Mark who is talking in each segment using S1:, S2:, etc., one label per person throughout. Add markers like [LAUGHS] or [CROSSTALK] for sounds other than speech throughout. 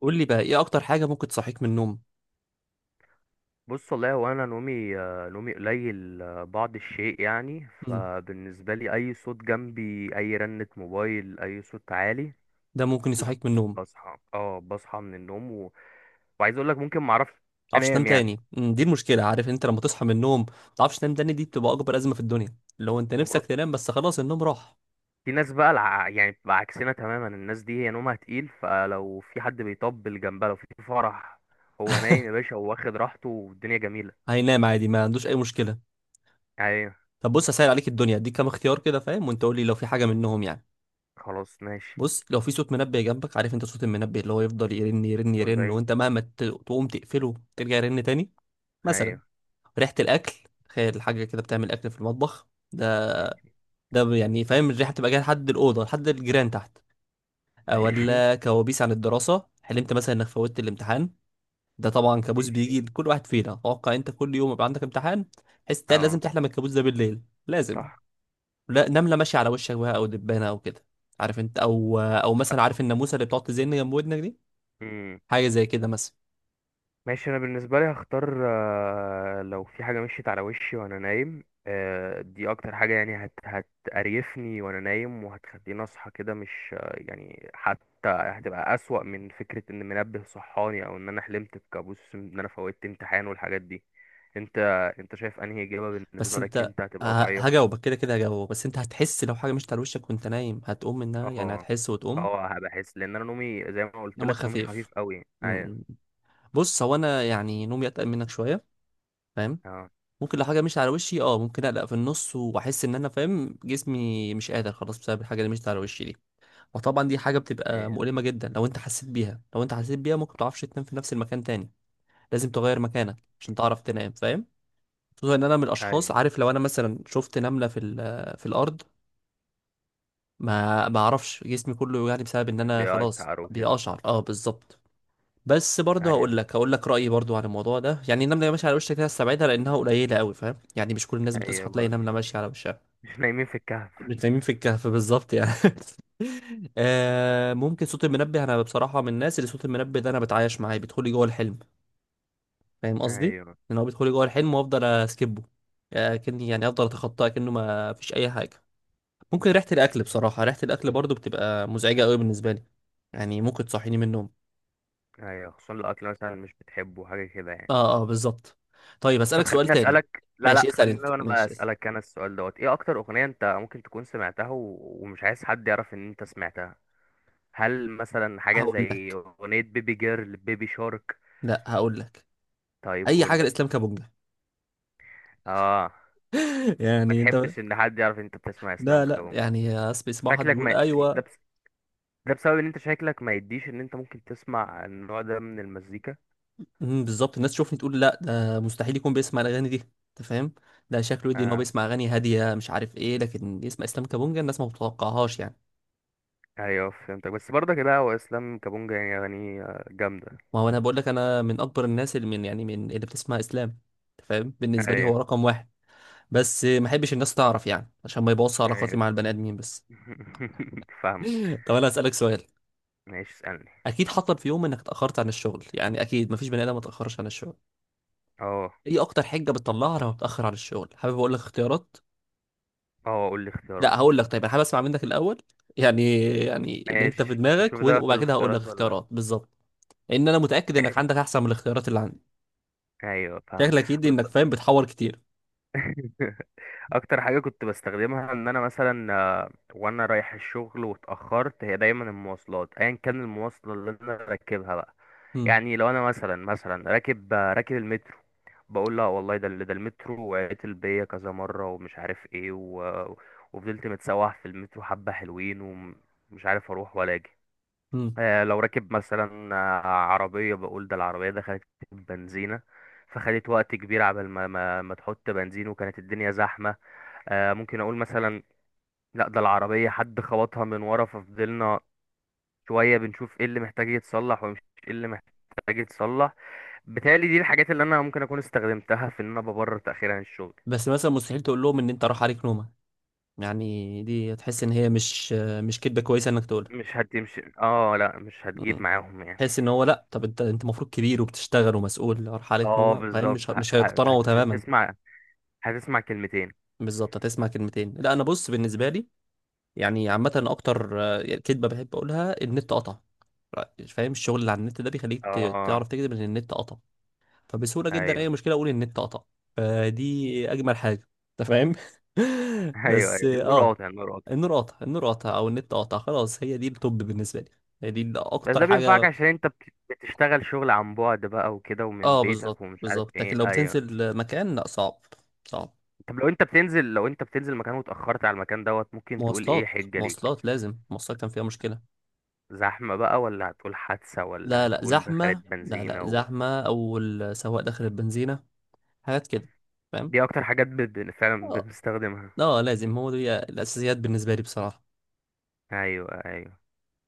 S1: قول لي بقى ايه اكتر حاجه ممكن تصحيك من النوم.
S2: بص، والله هو انا نومي نومي قليل بعض الشيء يعني.
S1: مم.
S2: فبالنسبه لي، اي صوت جنبي، اي رنه موبايل، اي صوت عالي.
S1: ده ممكن
S2: لا،
S1: يصحيك من النوم ما
S2: بصحى من النوم وعايز اقول لك ممكن ما اعرفش
S1: تعرفش تنام
S2: انام يعني.
S1: تاني. مم. دي المشكله، عارف انت لما تصحى من النوم ما تعرفش تنام تاني دي بتبقى اكبر ازمه في الدنيا، لو انت
S2: وبر...
S1: نفسك تنام بس خلاص النوم راح.
S2: في ناس بقى يعني بتبقى عكسنا تماما. الناس دي هي نومها تقيل، فلو في حد بيطبل جنبها، لو في فرح، هو نايم يا باشا وواخد راحته والدنيا جميله.
S1: هينام عادي ما عندوش اي مشكله.
S2: ايوه.
S1: طب بص، هسهل عليك الدنيا، اديك كام اختيار كده فاهم، وانت قول لي لو في حاجه منهم يعني.
S2: خلاص ماشي.
S1: بص، لو في صوت منبه جنبك، عارف انت صوت المنبه اللي هو يفضل يرن يرن يرن
S2: مزعج.
S1: وانت مهما تقوم تقفله ترجع يرن تاني. مثلا
S2: ايوه.
S1: ريحه الاكل، تخيل حاجه كده بتعمل اكل في المطبخ. ده
S2: ماشي.
S1: ده يعني فاهم الريحه بتبقى جايه لحد الاوضه لحد الجيران تحت.
S2: [LAUGHS] ماشي.
S1: ولا كوابيس عن الدراسه، حلمت مثلا انك فوتت الامتحان. ده طبعا كابوس
S2: ماشي.
S1: بيجي لكل واحد فينا، اتوقع انت كل يوم يبقى عندك امتحان، تحس ده لازم
S2: اه.
S1: تحلم الكابوس ده بالليل. لازم.
S2: صح.
S1: لا، نمله ماشيه على وشك بقى او دبانه او كده، عارف انت، او مثلا عارف الناموسه اللي بتقعد تزن جنب ودنك دي،
S2: مم.
S1: حاجه زي كده مثلا.
S2: ماشي، انا بالنسبه لي هختار لو في حاجه مشيت على وشي وانا نايم دي اكتر حاجه يعني هتقريفني وانا نايم، وهتخليني اصحى كده. مش يعني، حتى هتبقى اسوأ من فكره ان منبه صحاني او ان انا حلمت بكابوس ان انا فوتت امتحان والحاجات دي. انت انت شايف انهي اجابه
S1: بس
S2: بالنسبه لك
S1: انت
S2: انت
S1: ه-
S2: هتبقى واقعيه؟
S1: هجاوبك كده كده، هجاوبك. بس انت هتحس لو حاجه مشت على وشك وانت نايم هتقوم منها، يعني
S2: اه
S1: هتحس وتقوم.
S2: اه، هبحس لان انا نومي زي ما قلت
S1: نومك
S2: لك نومي
S1: خفيف.
S2: خفيف قوي. ايوه.
S1: بص هو انا يعني نومي اتقل منك شويه، فاهم.
S2: اه،
S1: ممكن لو حاجه مشيت على وشي اه ممكن اقلق في النص واحس ان انا فاهم جسمي مش قادر خلاص بسبب الحاجه اللي مشيت على وشي دي. وطبعا دي حاجه بتبقى مؤلمه
S2: ايوه
S1: جدا، لو انت حسيت بيها، لو انت حسيت بيها ممكن متعرفش تنام في نفس المكان تاني. لازم تغير مكانك عشان تعرف تنام، فاهم. خصوصا ان انا من الاشخاص،
S2: ايوه،
S1: عارف لو انا مثلا شفت نمله في في الارض، ما اعرفش جسمي كله يعني بسبب ان انا خلاص
S2: بيقشعر وكده.
S1: بيقشعر. اه بالظبط. بس برضه هقول
S2: ايوه
S1: لك، هقول لك رايي برضه عن الموضوع ده. يعني النمله اللي ماشيه على وشها كده استبعدها لانها قليله قوي، فاهم. يعني مش كل الناس
S2: ايوه
S1: بتصحى تلاقي
S2: برضه،
S1: نمله ماشيه على وشها.
S2: مش نايمين في الكهف.
S1: مش نايمين في الكهف بالظبط يعني. [LAUGHS] آه، ممكن صوت المنبه. انا بصراحه من الناس اللي صوت المنبه ده انا بتعايش معاه، بيدخل لي جوه الحلم. فاهم قصدي،
S2: ايوه
S1: ان هو بيدخل لي جوه الحلم وافضل اسكبه، كني يعني افضل اتخطاه كانه ما فيش اي حاجه. ممكن ريحه الاكل، بصراحه ريحه الاكل برضه بتبقى مزعجه قوي بالنسبه لي، يعني ممكن تصحيني من النوم.
S2: ايوه، خصوصا لو اكل مثلا مش بتحبه، حاجه كده يعني.
S1: اه اه بالظبط. طيب
S2: طب
S1: اسالك سؤال
S2: خليني
S1: تاني.
S2: اسالك. لا لا،
S1: ماشي اسال
S2: خليني
S1: انت،
S2: انا بقى
S1: ماشي اسال.
S2: اسالك انا السؤال دوت. ايه اكتر اغنيه انت ممكن تكون سمعتها ومش عايز حد يعرف ان انت سمعتها؟ هل مثلا حاجه
S1: هقول
S2: زي
S1: لك،
S2: اغنيه بيبي جيرل، بيبي شارك؟
S1: لا هقول لك
S2: طيب
S1: اي
S2: قول
S1: حاجه،
S2: لي.
S1: الاسلام كبونجا.
S2: اه.
S1: [LAUGHS]
S2: ما
S1: يعني انت.
S2: تحبش ان حد يعرف ان انت بتسمع اسلام
S1: لا لا
S2: كونج؟
S1: يعني اسمع، اسمع حد
S2: شكلك
S1: بيقول
S2: ما... ده
S1: ايوه.
S2: بس... ده بسبب ان انت شكلك ما يديش ان انت ممكن تسمع النوع ده من المزيكا.
S1: بالظبط، الناس تشوفني تقول لا ده مستحيل يكون بيسمع الاغاني دي، انت فاهم. ده شكله يدي ان هو
S2: آه
S1: بيسمع اغاني هاديه مش عارف ايه، لكن يسمع اسلام كابونجا الناس ما بتتوقعهاش يعني.
S2: ايوه، فهمتك. بس برضه كده، هو اسلام كابونجا يعني اغانيه جامده.
S1: ما هو انا بقول لك انا من اكبر الناس اللي من يعني من اللي بتسمع اسلام. انت فاهم، بالنسبه لي هو
S2: ايوه
S1: رقم واحد. بس ما احبش الناس تعرف يعني عشان ما يبوظش علاقاتي
S2: ايوه.
S1: مع البني ادمين بس.
S2: [LAUGHS] فاهمك.
S1: [LAUGHS] طب انا اسالك سؤال.
S2: ماشي اسالني.
S1: اكيد حصل في يوم انك اتاخرت عن الشغل، يعني اكيد مفيش بني ادم ما اتاخرش عن الشغل.
S2: اه
S1: ايه اكتر حجه بتطلعها لما بتاخر عن الشغل؟ حابب اقول لك اختيارات؟
S2: اه، قول لي اختيارات.
S1: لا هقول لك، طيب انا حابب اسمع منك الاول. يعني يعني اللي انت في
S2: ماشي، نشوف
S1: دماغك،
S2: ده في
S1: وبعد كده هقول لك
S2: الاختيارات ولا لا.
S1: اختيارات بالظبط، لان انا متاكد انك
S2: ماشي.
S1: عندك احسن من الاختيارات اللي عندي.
S2: ايوه فاهمك،
S1: شكلك يدي
S2: بص.
S1: انك فاهم، بتحور كتير.
S2: [LAUGHS] اكتر حاجه كنت بستخدمها ان انا مثلا وانا رايح الشغل واتاخرت، هي دايما المواصلات، ايا كان المواصله اللي انا راكبها بقى.
S1: امم.
S2: يعني لو انا مثلا راكب المترو، بقول: لا والله، ده المترو وعطل بيا كذا مره ومش عارف ايه و... آه، وفضلت متسوح في المترو حبه حلوين ومش عارف اروح ولا اجي.
S1: امم.
S2: لو راكب مثلا عربيه، بقول ده العربيه دخلت بنزينه فخدت وقت كبير عبال ما تحط بنزين وكانت الدنيا زحمه. ممكن اقول مثلا: لا، ده العربية حد خبطها من ورا ففضلنا شوية بنشوف ايه اللي محتاج يتصلح ومش ايه اللي محتاج يتصلح. بالتالي دي الحاجات اللي انا ممكن اكون استخدمتها في ان انا ببرر تأخير عن الشغل.
S1: بس مثلا مستحيل تقول لهم ان انت راح عليك نومه، يعني دي تحس ان هي مش كدبه كويسه انك تقولها.
S2: مش هتمشي. اه لا، مش هتجيب
S1: امم.
S2: معاهم يعني.
S1: تحس ان هو لا، طب انت انت المفروض كبير وبتشتغل ومسؤول راح عليك
S2: اه
S1: نومه، فاهم، مش
S2: بالظبط،
S1: مش هيقتنعوا تماما.
S2: هتسمع، هتسمع كلمتين.
S1: بالظبط هتسمع كلمتين. لا انا بص بالنسبه لي، يعني عامه اكتر كدبه بحب اقولها، النت قطع. فاهم، الشغل اللي على النت ده بيخليك
S2: اه
S1: تعرف تكذب ان النت قطع. فبسهوله جدا
S2: ايوه.
S1: اي مشكله اقول النت قطع، فدي اجمل حاجه انت فاهم.
S2: [LAUGHS]
S1: [LAUGHS]
S2: ايوه
S1: بس
S2: ايوه، النور
S1: اه،
S2: قاطع النور قاطع.
S1: النور قطع، النور قطع او النت قطع، خلاص هي دي التوب بالنسبه لي، هي دي
S2: بس
S1: اكتر
S2: ده بينفعك
S1: حاجه.
S2: عشان انت بتشتغل شغل عن بعد بقى وكده ومن
S1: اه بالظبط
S2: بيتك ومش عارف
S1: بالظبط، لكن
S2: ايه.
S1: لو
S2: ايوه.
S1: بتنزل مكان لا، صعب. صعب.
S2: طب لو انت بتنزل مكان واتأخرت على المكان دوت، ممكن تقول ايه
S1: مواصلات،
S2: حجة ليك؟
S1: مواصلات، لازم المواصلات كان فيها مشكلة.
S2: زحمة بقى، ولا هتقول حادثة، ولا
S1: لا لا
S2: هتقول دخلت
S1: زحمة، لا لا
S2: بنزينة
S1: زحمة، أو السواق داخل البنزينة، حاجات كده فاهم.
S2: دي اكتر حاجات فعلا
S1: اه
S2: بنستخدمها.
S1: اه لازم، هو دي الأساسيات بالنسبة لي بصراحة.
S2: ايوه ايوه.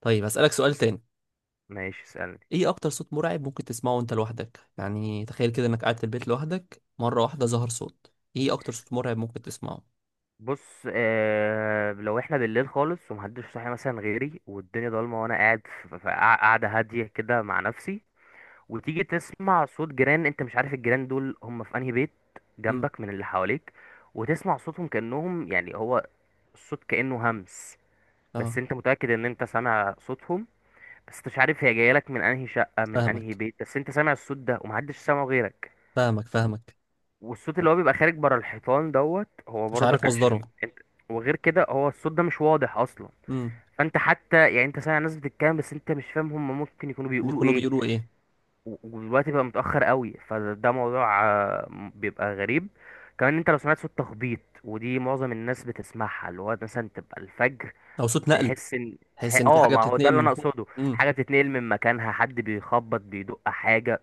S1: طيب هسألك سؤال تاني.
S2: ماشي اسألني.
S1: ايه أكتر صوت مرعب ممكن تسمعه وانت لوحدك؟ يعني تخيل كده انك قاعد في البيت لوحدك، مرة واحدة ظهر صوت، ايه أكتر صوت مرعب ممكن تسمعه؟
S2: بص لو احنا بالليل خالص ومحدش صاحي مثلا غيري، والدنيا ضلمة وانا قاعد في قاعدة هادية كده مع نفسي، وتيجي تسمع صوت جيران. انت مش عارف الجيران دول هم في انهي بيت
S1: امم.
S2: جنبك من اللي حواليك، وتسمع صوتهم كأنهم يعني هو الصوت كأنه همس. بس
S1: اه.
S2: انت متأكد ان انت سامع صوتهم، بس انت مش عارف هي جايه لك من انهي شقة من انهي
S1: فاهمك،
S2: بيت. بس انت سامع الصوت ده ومحدش سامعه غيرك.
S1: فاهمك، فاهمك.
S2: والصوت
S1: أنت
S2: اللي هو بيبقى خارج بره الحيطان دوت، هو
S1: مش عارف
S2: برضك
S1: مصدره،
S2: عشان انت. وغير كده هو الصوت ده مش واضح اصلا، فانت حتى يعني انت سامع ناس بتتكلم بس انت مش فاهم هم ممكن يكونوا بيقولوا
S1: يكونوا
S2: ايه.
S1: بيقولوا ايه.
S2: ودلوقتي بقى متأخر قوي، فده موضوع بيبقى غريب. كمان انت لو سمعت صوت تخبيط، ودي معظم الناس بتسمعها، اللي هو مثلا تبقى الفجر،
S1: او صوت نقل،
S2: تحس ان
S1: تحس ان في حاجه
S2: ما هو ده
S1: بتتنقل
S2: اللي
S1: من
S2: انا
S1: فوق.
S2: اقصده،
S1: امم.
S2: حاجة بتتنقل من مكانها، حد بيخبط بيدق حاجة.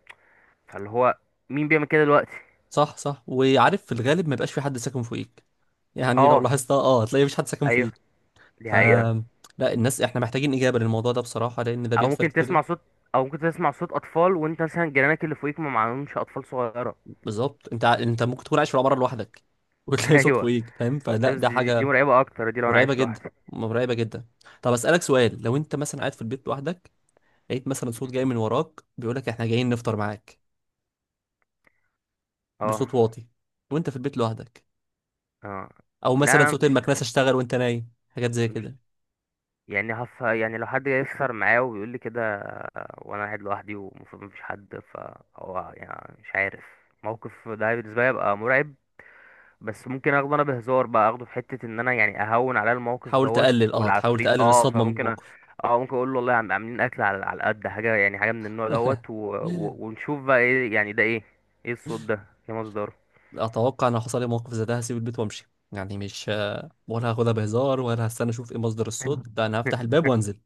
S2: فاللي هو مين بيعمل كده دلوقتي؟
S1: صح صح، وعارف في الغالب ما يبقاش في حد ساكن فوقيك، يعني لو
S2: اه
S1: لاحظتها اه هتلاقي مفيش حد ساكن
S2: ايوه،
S1: فوقيك.
S2: دي
S1: ف،
S2: حقيقة.
S1: لا الناس احنا محتاجين اجابه للموضوع ده بصراحه، لان ده
S2: او
S1: بيحصل
S2: ممكن
S1: كتير.
S2: تسمع صوت او ممكن تسمع صوت اطفال وانت مثلا جيرانك اللي فوقيك ما معهمش اطفال صغيرة.
S1: بالظبط انت انت ممكن تكون عايش في العماره لوحدك [LAUGHS]
S2: [LAUGHS]
S1: وتلاقي صوت
S2: ايوه.
S1: فوقيك، فاهم،
S2: ده
S1: فلا
S2: بس
S1: ده
S2: دي
S1: حاجه
S2: مرعبة اكتر، دي لو انا
S1: مرعبه
S2: عايش
S1: جدا،
S2: لوحدي.
S1: مرعبه جدا. طب اسالك سؤال، لو انت مثلا قاعد في البيت لوحدك، لقيت مثلا صوت جاي من وراك بيقول لك احنا جايين نفطر معاك،
S2: اه
S1: بصوت واطي، وانت في البيت لوحدك،
S2: اه،
S1: او
S2: لا
S1: مثلا
S2: انا
S1: صوت
S2: مش
S1: المكنسه اشتغل وانت نايم، حاجات زي
S2: مش
S1: كده.
S2: يعني هف يعني لو حد يسهر معايا وبيقول لي كده وانا قاعد لوحدي ومفروض مفيش حد، فهو يعني مش عارف. الموقف ده بالنسبه لي يبقى مرعب. بس ممكن اخده انا بهزار بقى، اخده في حته ان انا يعني اهون على الموقف
S1: تحاول
S2: دوت
S1: تقلل، اه تحاول
S2: والعفريت.
S1: تقلل
S2: اه
S1: الصدمه من
S2: فممكن أ...
S1: الموقف.
S2: اه ممكن اقول له: والله عم، عاملين اكل على قد حاجه يعني، حاجه من النوع
S1: [LAUGHS]
S2: دوت، ونشوف بقى ايه يعني، ده ايه؟ ايه الصوت ده؟ ايه مصدره؟
S1: اتوقع ان لو حصل لي موقف زي ده هسيب البيت وامشي، يعني مش ولا هاخدها بهزار ولا هستنى اشوف ايه مصدر الصوت، لا
S2: [LAUGHS]
S1: انا هفتح الباب وانزل،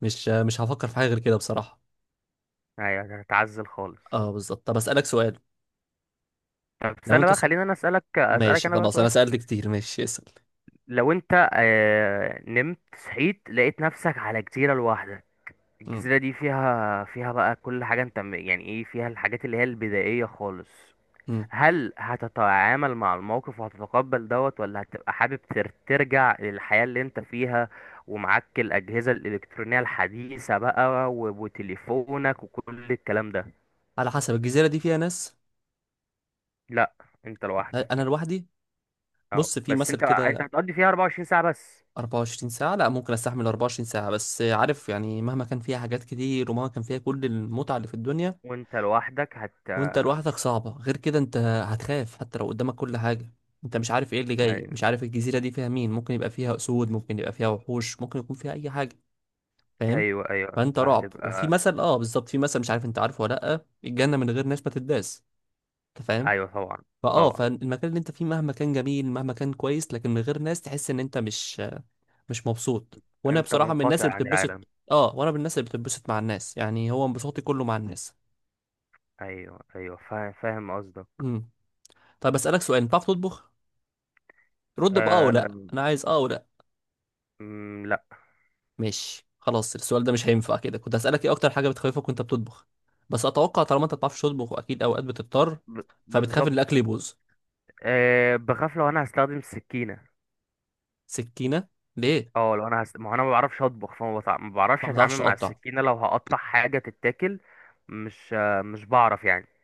S1: مش هفكر في حاجه غير كده بصراحه.
S2: ايوه، هتعزل خالص.
S1: اه بالظبط. طب اسالك سؤال،
S2: طب
S1: لو
S2: استنى
S1: انت
S2: بقى،
S1: صح...
S2: خلينا انا اسالك
S1: ماشي
S2: انا بقى
S1: خلاص
S2: سؤال.
S1: انا سالت كتير. [LAUGHS] ماشي اسال.
S2: لو انت نمت صحيت لقيت نفسك على جزيرة لوحدك،
S1: امم.
S2: الجزيرة دي فيها بقى كل حاجة، انت يعني ايه، فيها الحاجات اللي هي البدائية خالص.
S1: امم.
S2: هل هتتعامل مع الموقف وهتتقبل دوت، ولا هتبقى حابب ترجع للحياة اللي انت فيها ومعاك الأجهزة الإلكترونية الحديثة بقى وتليفونك وكل الكلام ده؟
S1: على حسب الجزيره دي فيها ناس.
S2: لا، انت
S1: انا
S2: لوحدك.
S1: لوحدي.
S2: اه،
S1: بص في
S2: بس
S1: مثل
S2: انت
S1: كده،
S2: هتقضي فيها 24 ساعة بس.
S1: 24 ساعة لا ممكن استحمل 24 ساعة، بس عارف يعني مهما كان فيها حاجات كتير ومهما كان فيها كل المتعة اللي في الدنيا،
S2: وانت لوحدك
S1: وانت لوحدك صعبة، غير كده انت هتخاف حتى لو قدامك كل حاجة، انت مش عارف ايه اللي جاي، مش عارف الجزيرة دي فيها مين، ممكن يبقى فيها اسود، ممكن يبقى فيها وحوش، ممكن يكون فيها اي حاجة، فاهم.
S2: ايوه ايوه،
S1: فانت رعب، وفي
S2: فهتبقى.
S1: مثل، اه بالظبط، في مثل مش عارف انت عارفه ولا لا، الجنة من غير ناس ما تداس، انت فاهم.
S2: ايوه طبعا.
S1: فاه،
S2: طبعا.
S1: فالمكان اللي انت فيه مهما كان جميل مهما كان كويس لكن من غير ناس تحس ان انت مش مبسوط، وانا
S2: انت
S1: بصراحه من الناس
S2: منقطع
S1: اللي
S2: عن
S1: بتتبسط،
S2: العالم.
S1: اه وانا من الناس اللي بتتبسط مع الناس، يعني هو انبساطي كله مع الناس.
S2: ايوه ايوه، فاهم فاهم قصدك.
S1: امم. طيب اسالك سؤال، انت بتعرف تطبخ؟ رد باه او لا،
S2: مم.
S1: انا عايز اه او لا.
S2: مم، لا.
S1: ماشي خلاص السؤال ده مش هينفع كده، كنت هسالك ايه اكتر حاجه بتخوفك وانت بتطبخ، بس اتوقع طالما انت ما بتعرفش تطبخ واكيد اوقات بتضطر
S2: ب...
S1: فبتخاف ان
S2: بالظبط.
S1: الاكل يبوظ.
S2: بخاف لو انا هستخدم السكينه.
S1: سكينه؟ ليه؟
S2: اه لو انا ما هو انا ما بعرفش اطبخ، فما ما
S1: ما
S2: بعرفش
S1: بتعرفش
S2: اتعامل مع
S1: تقطع.
S2: السكينه لو هقطع حاجه تتاكل. مش بعرف يعني.